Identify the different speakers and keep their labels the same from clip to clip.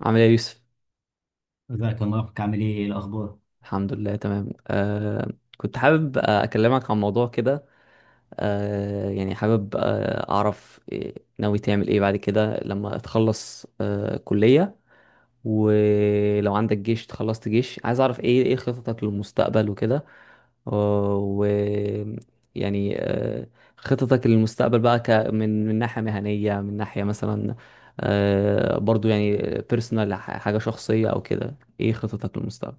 Speaker 1: عامل ايه يا يوسف؟
Speaker 2: ازيك يا مارك، عامل ايه؟ ايه الاخبار؟
Speaker 1: الحمد لله، تمام. كنت حابب، اكلمك عن موضوع كده. يعني حابب، اعرف ناوي تعمل ايه بعد كده لما تخلص كلية، ولو عندك جيش، تخلصت جيش، عايز اعرف ايه خططك للمستقبل وكده. آه، و يعني آه خططك للمستقبل بقى، من ناحية مهنية، من ناحية مثلا برضو يعني بيرسونال، حاجة شخصية او كده، ايه خططك للمستقبل؟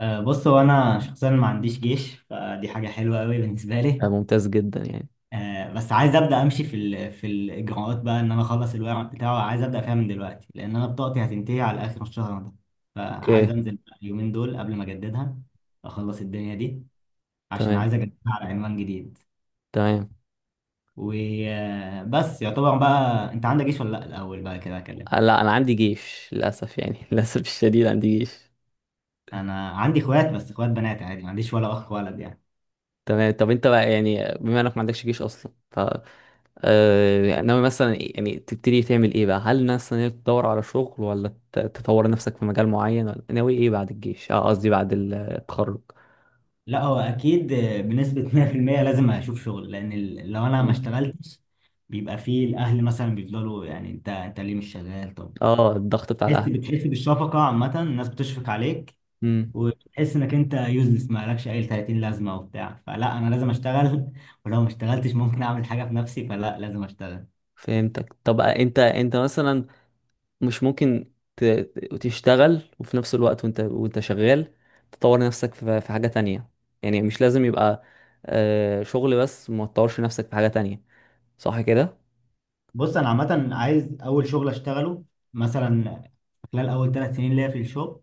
Speaker 2: أه بص، هو انا شخصيا ما عنديش جيش، فدي حاجه حلوه قوي بالنسبه لي.
Speaker 1: ممتاز جدا يعني.
Speaker 2: أه بس عايز ابدا امشي في الاجراءات بقى، ان انا اخلص الورق بتاعه. عايز ابدا فيها من دلوقتي لان انا بطاقتي هتنتهي على اخر الشهر ده. فعايز
Speaker 1: اوكي.
Speaker 2: انزل بقى اليومين دول قبل ما اجددها، اخلص الدنيا دي، عشان
Speaker 1: تمام.
Speaker 2: عايز اجددها على عنوان جديد.
Speaker 1: تمام.
Speaker 2: وبس، يعتبر بقى. انت عندك جيش ولا لا الاول بقى كده اكلم؟
Speaker 1: لا، انا عندي جيش للاسف يعني للاسف الشديد عندي جيش.
Speaker 2: انا عندي اخوات بس اخوات بنات، عادي، ما عنديش ولا اخ ولد يعني.
Speaker 1: تمام. طب انت بقى يعني، بما انك ما عندكش جيش اصلا، ف ناوي مثلا، يعني تبتدي تعمل ايه بقى؟ هل مثلا إنك تدور على شغل، ولا تطور نفسك في مجال معين، ولا ناوي ايه بعد الجيش؟ اه، قصدي بعد التخرج.
Speaker 2: لا هو اكيد، بنسبه 100% لازم اشوف شغل، لان لو انا ما
Speaker 1: مم.
Speaker 2: اشتغلتش بيبقى فيه الاهل مثلا بيفضلوا يعني انت ليه مش شغال؟ طب
Speaker 1: اه، الضغط بتاع
Speaker 2: تحس،
Speaker 1: الاهل.
Speaker 2: بتحس بالشفقه، عامه الناس بتشفق عليك.
Speaker 1: امم.
Speaker 2: وتحس انك انت يوزلس، ما لكش اي 30 لازمه وبتاع، فلا انا لازم اشتغل ولو ما اشتغلتش ممكن اعمل حاجه في نفسي، فلا لازم اشتغل.
Speaker 1: فهمتك. طب انت، مثلا مش ممكن تشتغل وفي نفس الوقت، وانت شغال، تطور نفسك في حاجة تانية؟ يعني مش لازم يبقى شغل بس ما تطورش نفسك في حاجة تانية، صح كده؟
Speaker 2: بص انا عامه عايز اول شغل اشتغله، مثلا خلال اول ثلاث سنين ليا في الشغل،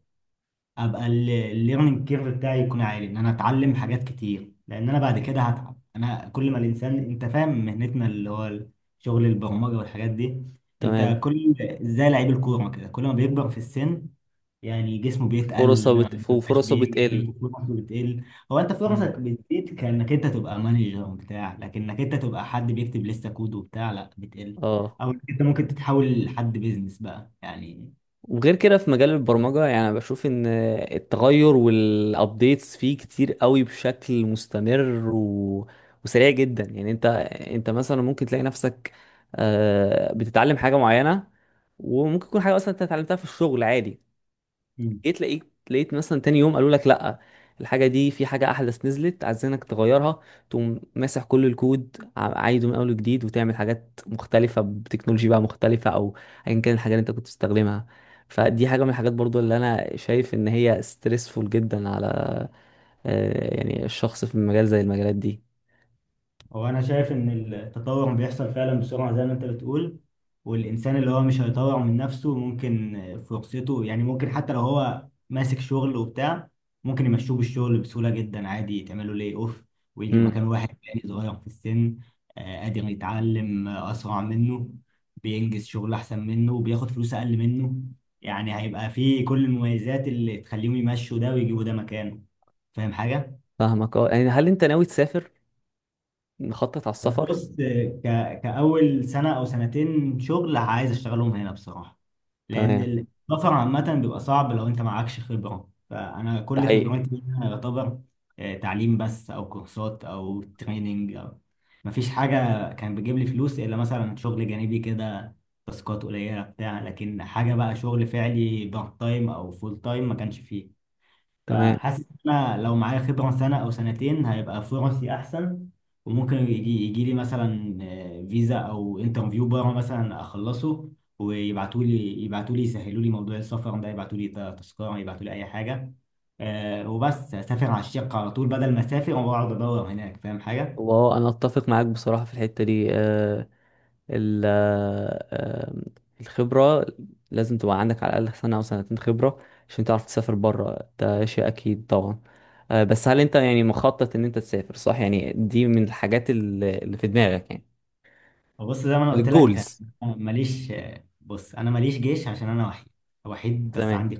Speaker 2: ابقى الليرنينج كيرف بتاعي يكون عالي، ان انا اتعلم حاجات كتير، لان انا بعد كده هتعب. انا كل ما الانسان، انت فاهم مهنتنا اللي هو شغل البرمجه والحاجات دي، انت
Speaker 1: تمام.
Speaker 2: كل، زي لعيب الكوره كده، كل ما بيكبر في السن يعني جسمه بيتقل، ما بيبقاش
Speaker 1: فرصة
Speaker 2: بيجري
Speaker 1: بتقل.
Speaker 2: وفرصه بتقل. هو انت فرصك
Speaker 1: مم.
Speaker 2: بتزيد كانك انت تبقى مانجر بتاع لكنك انت تبقى حد بيكتب لسه كود وبتاع، لا بتقل.
Speaker 1: اه.
Speaker 2: او انت ممكن تتحول لحد بيزنس بقى يعني.
Speaker 1: وغير كده في مجال البرمجة، يعني أنا بشوف ان التغير والابديتس فيه كتير قوي بشكل مستمر و... وسريع جدا يعني. انت، مثلا ممكن تلاقي نفسك بتتعلم حاجة معينة، وممكن تكون حاجة اصلا انت اتعلمتها في الشغل عادي، جيت لقيت مثلا تاني يوم قالوا لك لا، الحاجه دي في حاجه احدث نزلت عايزينك تغيرها. تقوم ماسح كل الكود، عايده من اول وجديد، وتعمل حاجات مختلفه بتكنولوجي بقى مختلفه، او ايا كان الحاجه اللي انت كنت بتستخدمها. فدي حاجه من الحاجات برضو اللي انا شايف ان هي ستريسفول جدا على يعني الشخص في مجال زي المجالات دي.
Speaker 2: هو انا شايف ان التطور بيحصل فعلا بسرعه زي ما انت بتقول، والانسان اللي هو مش هيطور من نفسه ممكن فرصته، يعني ممكن حتى لو هو ماسك شغل وبتاع ممكن يمشوه بالشغل بسهوله جدا، عادي، تعملوا لي اوف، ويجي
Speaker 1: امم.
Speaker 2: مكان واحد تاني صغير في السن، قادر يتعلم اسرع منه، بينجز شغل احسن منه وبياخد فلوس اقل منه. يعني هيبقى فيه كل المميزات اللي تخليهم يمشوا ده ويجيبوا ده مكانه. فاهم حاجه؟
Speaker 1: فاهمك. اه يعني، هل انت ناوي تسافر؟ مخطط على السفر؟
Speaker 2: بص، ك... كأول سنة أو سنتين شغل عايز أشتغلهم هنا بصراحة، لأن
Speaker 1: تمام.
Speaker 2: السفر عامة بيبقى صعب لو أنت معكش خبرة، فأنا
Speaker 1: ده
Speaker 2: كل
Speaker 1: حقيقي.
Speaker 2: خبرتي هنا يعتبر تعليم بس أو كورسات أو تريننج، أو مفيش حاجة كان بيجيب لي فلوس إلا مثلا شغل جانبي كده، تاسكات قليلة بتاع لكن حاجة بقى شغل فعلي بارت تايم أو فول تايم ما كانش فيه.
Speaker 1: تمام.
Speaker 2: فحاسس ان انا لو معايا خبره سنه او سنتين هيبقى فرصي احسن، وممكن يجي لي مثلا فيزا او انترفيو بره مثلا اخلصه، ويبعتوا لي يسهلوا لي موضوع السفر ده، يبعتوا لي تذكره، يبعتوا لي اي حاجه، وبس اسافر على الشقه على طول بدل ما اسافر واقعد ادور هناك. فاهم حاجه؟
Speaker 1: وانا اتفق معاك بصراحه في الحته دي. آه، ال- آه، آم، الخبرة لازم تبقى عندك، على الأقل سنة أو سنتين خبرة عشان تعرف تسافر بره، ده شيء أكيد طبعا. بس هل أنت يعني مخطط إن أنت تسافر؟ صح يعني، دي من الحاجات اللي في دماغك يعني،
Speaker 2: وبص زي ما انا قلت لك،
Speaker 1: الجولز.
Speaker 2: أنا ماليش بص انا ماليش جيش، عشان انا وحيد، وحيد بس
Speaker 1: تمام.
Speaker 2: عندي.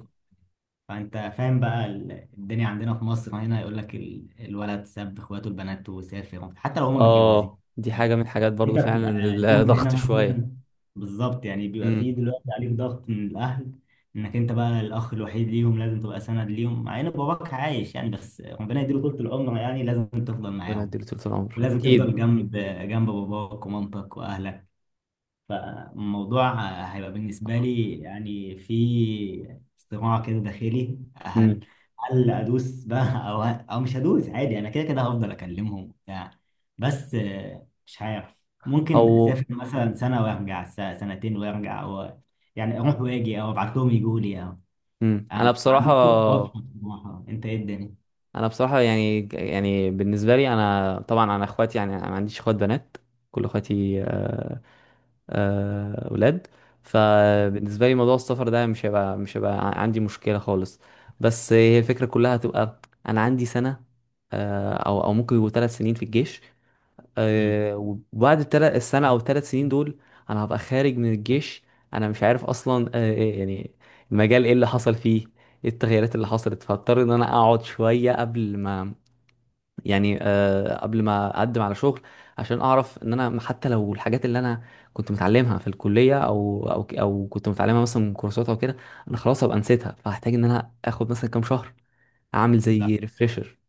Speaker 2: فانت فاهم بقى الدنيا عندنا في مصر هنا، يقول لك الولد ساب اخواته البنات وسافر حتى لو هم متجوزين.
Speaker 1: اه، دي
Speaker 2: يعني
Speaker 1: حاجة من الحاجات برضو
Speaker 2: انت
Speaker 1: فعلا
Speaker 2: بتبقى
Speaker 1: اللي
Speaker 2: ليهم هنا
Speaker 1: ضغط شوية.
Speaker 2: مثلا، بالظبط. يعني بيبقى
Speaker 1: امم.
Speaker 2: فيه دلوقتي عليك ضغط من الاهل، انك انت بقى الاخ الوحيد ليهم، لازم تبقى سند ليهم. مع ان باباك عايش يعني، بس ربنا يديله طول العمر يعني، لازم تفضل
Speaker 1: ربنا
Speaker 2: معاهم،
Speaker 1: يديله طول العمر
Speaker 2: ولازم
Speaker 1: أكيد.
Speaker 2: تفضل جنب باباك ومامتك واهلك. فالموضوع هيبقى بالنسبة لي يعني في صراع كده داخلي، هل
Speaker 1: امم.
Speaker 2: هل أدوس بقى أو مش هدوس؟ عادي، أنا كده كده هفضل أكلمهم وبتاع، بس مش عارف. ممكن
Speaker 1: أو.
Speaker 2: أسافر مثلا سنة وأرجع، سنتين وأرجع، أو يعني أروح وأجي، أو أبعت لهم يجوا لي، أو
Speaker 1: امم. أنا
Speaker 2: ما
Speaker 1: بصراحة،
Speaker 2: عنديش خطة واضحة بصراحة. أنت إيه الدنيا؟
Speaker 1: انا بصراحه يعني، يعني بالنسبه لي، انا طبعا، انا اخواتي، يعني انا ما عنديش اخوات بنات، كل اخواتي اولاد. فبالنسبه لي موضوع السفر ده مش هيبقى عندي مشكله خالص. بس هي الفكره كلها هتبقى، انا عندي سنه او ممكن يبقوا 3 سنين في الجيش.
Speaker 2: مم.
Speaker 1: آه، وبعد الثلاث السنه او ال3 سنين دول انا هبقى خارج من الجيش. انا مش عارف اصلا إيه يعني المجال، ايه اللي حصل فيه، ايه التغييرات اللي حصلت. فاضطر ان انا اقعد شويه قبل ما، يعني قبل ما اقدم على شغل، عشان اعرف ان انا حتى لو الحاجات اللي انا كنت متعلمها في الكليه، او كنت متعلمها مثلا من كورسات او كده، انا خلاص هبقى نسيتها، فهحتاج ان انا اخد مثلا كام شهر اعمل
Speaker 2: لا
Speaker 1: زي ريفريشر.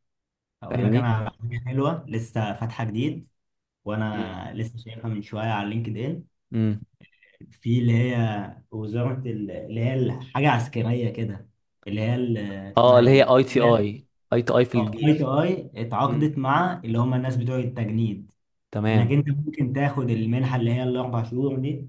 Speaker 2: أقول لك أنا
Speaker 1: فاهمني.
Speaker 2: على حاجة حلوة لسه فاتحة جديد،
Speaker 1: امم.
Speaker 2: وأنا لسه شايفها من شوية على لينكد إن،
Speaker 1: امم.
Speaker 2: في اللي هي وزارة اللي هي الحاجة عسكرية كده، اللي هي
Speaker 1: اه،
Speaker 2: اسمها
Speaker 1: اللي هي
Speaker 2: ايه؟
Speaker 1: اي تي
Speaker 2: اللي هي
Speaker 1: اي، اي تي اي في
Speaker 2: اه اي
Speaker 1: الجيش.
Speaker 2: تو اي،
Speaker 1: امم.
Speaker 2: اتعاقدت مع اللي هم الناس بتوع التجنيد، انك
Speaker 1: تمام.
Speaker 2: انت ممكن تاخد المنحة اللي هي الاربع شهور دي،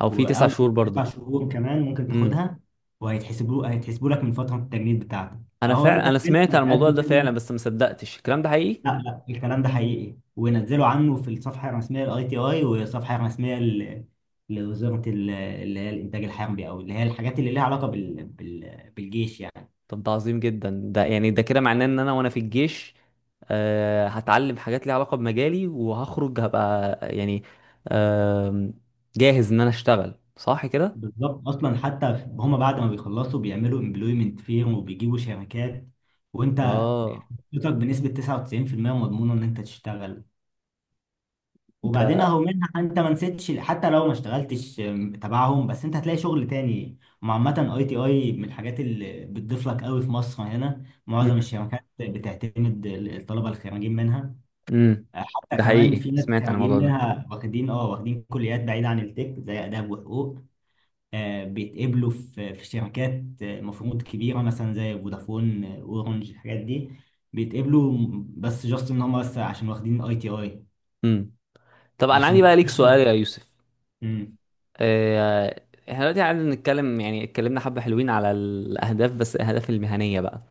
Speaker 1: او في
Speaker 2: و-
Speaker 1: تسع
Speaker 2: او
Speaker 1: شهور
Speaker 2: تسع
Speaker 1: برضه.
Speaker 2: شهور كمان ممكن
Speaker 1: امم.
Speaker 2: تاخدها، وهيتحسبوا لك من فترة التجنيد بتاعتك.
Speaker 1: انا
Speaker 2: اهو انت،
Speaker 1: فعلا، انا
Speaker 2: أنت
Speaker 1: سمعت عن الموضوع ده فعلا
Speaker 2: بتقدم
Speaker 1: بس ما صدقتش الكلام ده حقيقي.
Speaker 2: لا لا، الكلام ده حقيقي، ونزلوا عنه في الصفحه الرسميه للاي تي اي والصفحه الرسميه لوزاره اللي هي الانتاج الحربي، او اللي هي الحاجات اللي ليها علاقه بالجيش يعني.
Speaker 1: طب ده عظيم جدا، ده يعني ده كده معناه ان انا وانا في الجيش هتعلم حاجات ليها علاقة بمجالي، وهخرج هبقى يعني آم، جاهز ان انا اشتغل، صح كده؟
Speaker 2: بالظبط، اصلا حتى هم بعد ما بيخلصوا بيعملوا امبلويمنت فيرم وبيجيبوا شركات، وانت
Speaker 1: اه.
Speaker 2: فرصتك بنسبه 99% مضمونه ان انت تشتغل. وبعدين
Speaker 1: ده.
Speaker 2: اهو منها انت ما نسيتش، حتى لو ما اشتغلتش تبعهم، بس انت هتلاقي شغل تاني. وعامة اي تي اي من الحاجات اللي بتضيف لك قوي، في مصر هنا معظم الشركات بتعتمد الطلبة الخريجين منها.
Speaker 1: امم.
Speaker 2: آه، حتى
Speaker 1: ده
Speaker 2: كمان
Speaker 1: حقيقي،
Speaker 2: في ناس
Speaker 1: سمعت عن
Speaker 2: خريجين
Speaker 1: الموضوع ده.
Speaker 2: منها واخدين اه واخدين كليات بعيدة عن التك زي آداب وحقوق، بيتقبلوا في شركات المفروض كبيرة مثلا زي فودافون، اورنج، الحاجات دي بيتقبلوا، بس جاست ان هم بس عشان واخدين اي تي اي.
Speaker 1: امم. طب انا عندي
Speaker 2: عشان
Speaker 1: بقى ليك سؤال يا يوسف. آه، احنا دلوقتي قاعدين نتكلم، يعني اتكلمنا حبة حلوين على الأهداف، بس الأهداف المهنية بقى.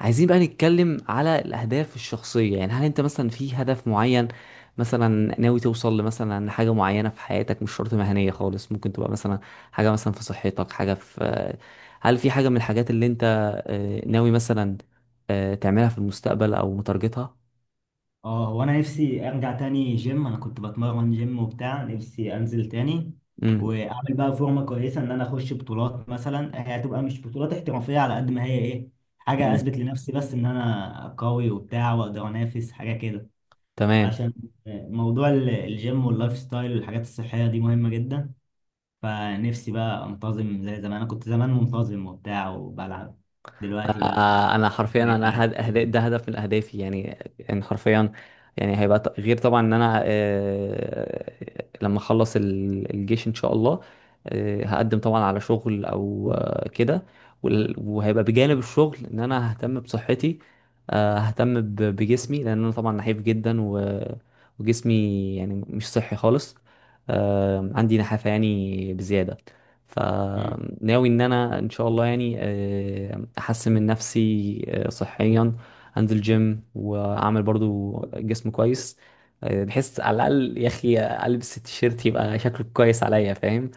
Speaker 1: عايزين بقى نتكلم على الأهداف الشخصية، يعني هل أنت مثلا في هدف معين، مثلا ناوي توصل لمثلا حاجة معينة في حياتك؟ مش شرط مهنية خالص، ممكن تبقى مثلا حاجة مثلا في صحتك، حاجة في هل في حاجة من الحاجات اللي أنت ناوي مثلا تعملها في المستقبل أو متارجتها؟
Speaker 2: اه، هو انا نفسي ارجع تاني جيم. انا كنت بتمرن جيم وبتاع، نفسي انزل تاني
Speaker 1: امم.
Speaker 2: واعمل بقى فورمه كويسه، ان انا اخش بطولات مثلا. هي هتبقى مش بطولات احترافيه، على قد ما هي ايه، حاجه
Speaker 1: امم.
Speaker 2: اثبت لنفسي بس ان انا قوي وبتاع، واقدر انافس حاجه كده.
Speaker 1: تمام.
Speaker 2: عشان موضوع الجيم واللايف ستايل والحاجات الصحيه دي مهمه جدا. فنفسي بقى انتظم زي زمان، انا كنت زمان منتظم وبتاع وبلعب، دلوقتي لا
Speaker 1: انا حرفيا،
Speaker 2: بقيت
Speaker 1: انا
Speaker 2: قاعد في-
Speaker 1: ده هدف من اهدافي يعني. ان حرفيا، يعني هيبقى غير طبعا، ان انا لما اخلص الجيش ان شاء الله، هقدم طبعا على شغل، او كده. وهيبقى بجانب الشغل ان انا ههتم بصحتي، ههتم بجسمي، لان انا طبعا نحيف جدا و... وجسمي يعني مش صحي خالص. عندي نحافة يعني بزيادة.
Speaker 2: مم،
Speaker 1: فناوي ان انا ان شاء الله يعني احسن من نفسي صحيا، انزل جيم واعمل برضو جسم كويس، بحيث على الاقل يا اخي البس التيشيرت يبقى شكله كويس عليا، فاهم؟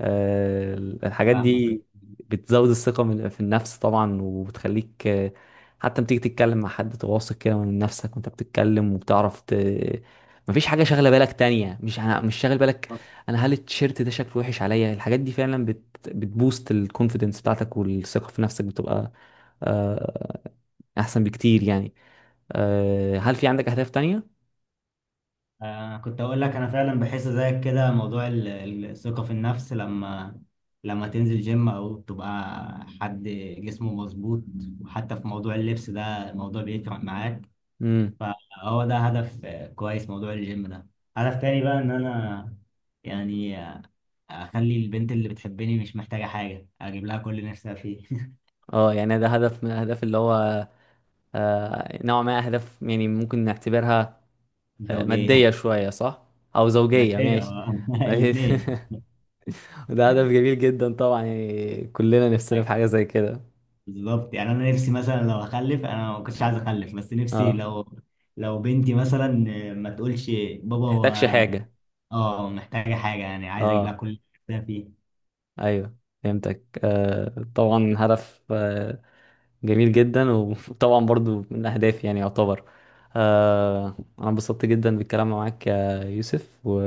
Speaker 1: آه، الحاجات
Speaker 2: فاهمك.
Speaker 1: دي بتزود الثقة في النفس طبعا، وبتخليك حتى لما تيجي تتكلم مع حد تواثق كده من نفسك، وانت بتتكلم وبتعرف مفيش حاجة شاغلة بالك تانية. مش أنا مش شاغل بالك، انا هل التيشيرت ده شكله وحش عليا؟ الحاجات دي فعلا بتبوست الكونفيدنس بتاعتك، والثقة في نفسك بتبقى آه، احسن بكتير يعني. هل في عندك اهداف تانية؟
Speaker 2: كنت اقول لك انا فعلا بحس زيك كده. موضوع الثقة في النفس، لما لما تنزل جيم او تبقى حد جسمه مظبوط، وحتى في موضوع اللبس ده الموضوع بيفرق معاك.
Speaker 1: امم.
Speaker 2: فهو ده هدف كويس، موضوع الجيم ده. هدف تاني بقى ان انا يعني اخلي البنت اللي بتحبني مش محتاجة حاجة، اجيب لها كل اللي نفسها فيه
Speaker 1: اه يعني ده هدف من الاهداف اللي هو نوع ما أهداف، يعني ممكن نعتبرها
Speaker 2: زوجية،
Speaker 1: مادية شوية، صح؟ أو زوجية،
Speaker 2: مادية
Speaker 1: ماشي.
Speaker 2: الاتنين.
Speaker 1: وده هدف جميل جدا طبعا، يعني كلنا نفسنا في حاجة زي كده.
Speaker 2: بالظبط. يعني انا نفسي مثلا لو اخلف، انا ما كنتش عايز اخلف بس نفسي
Speaker 1: اه.
Speaker 2: لو، لو بنتي مثلا ما تقولش
Speaker 1: ما
Speaker 2: بابا
Speaker 1: بتحتاجش
Speaker 2: هو
Speaker 1: حاجة.
Speaker 2: اه محتاجه حاجه، يعني عايز اجيب
Speaker 1: اه.
Speaker 2: لها كل اللي نفسها فيه.
Speaker 1: ايوه. فهمتك. آه، طبعا هدف جميل جدا، وطبعا برضو من أهدافي يعني يعتبر. أنا انبسطت جدا بالكلام معاك يا يوسف و...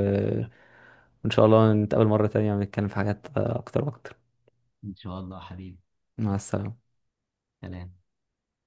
Speaker 1: وإن شاء الله نتقابل مرة تانية ونتكلم في حاجات أكتر وأكتر.
Speaker 2: ان شاء الله حبيبي.
Speaker 1: مع السلامة.
Speaker 2: سلام.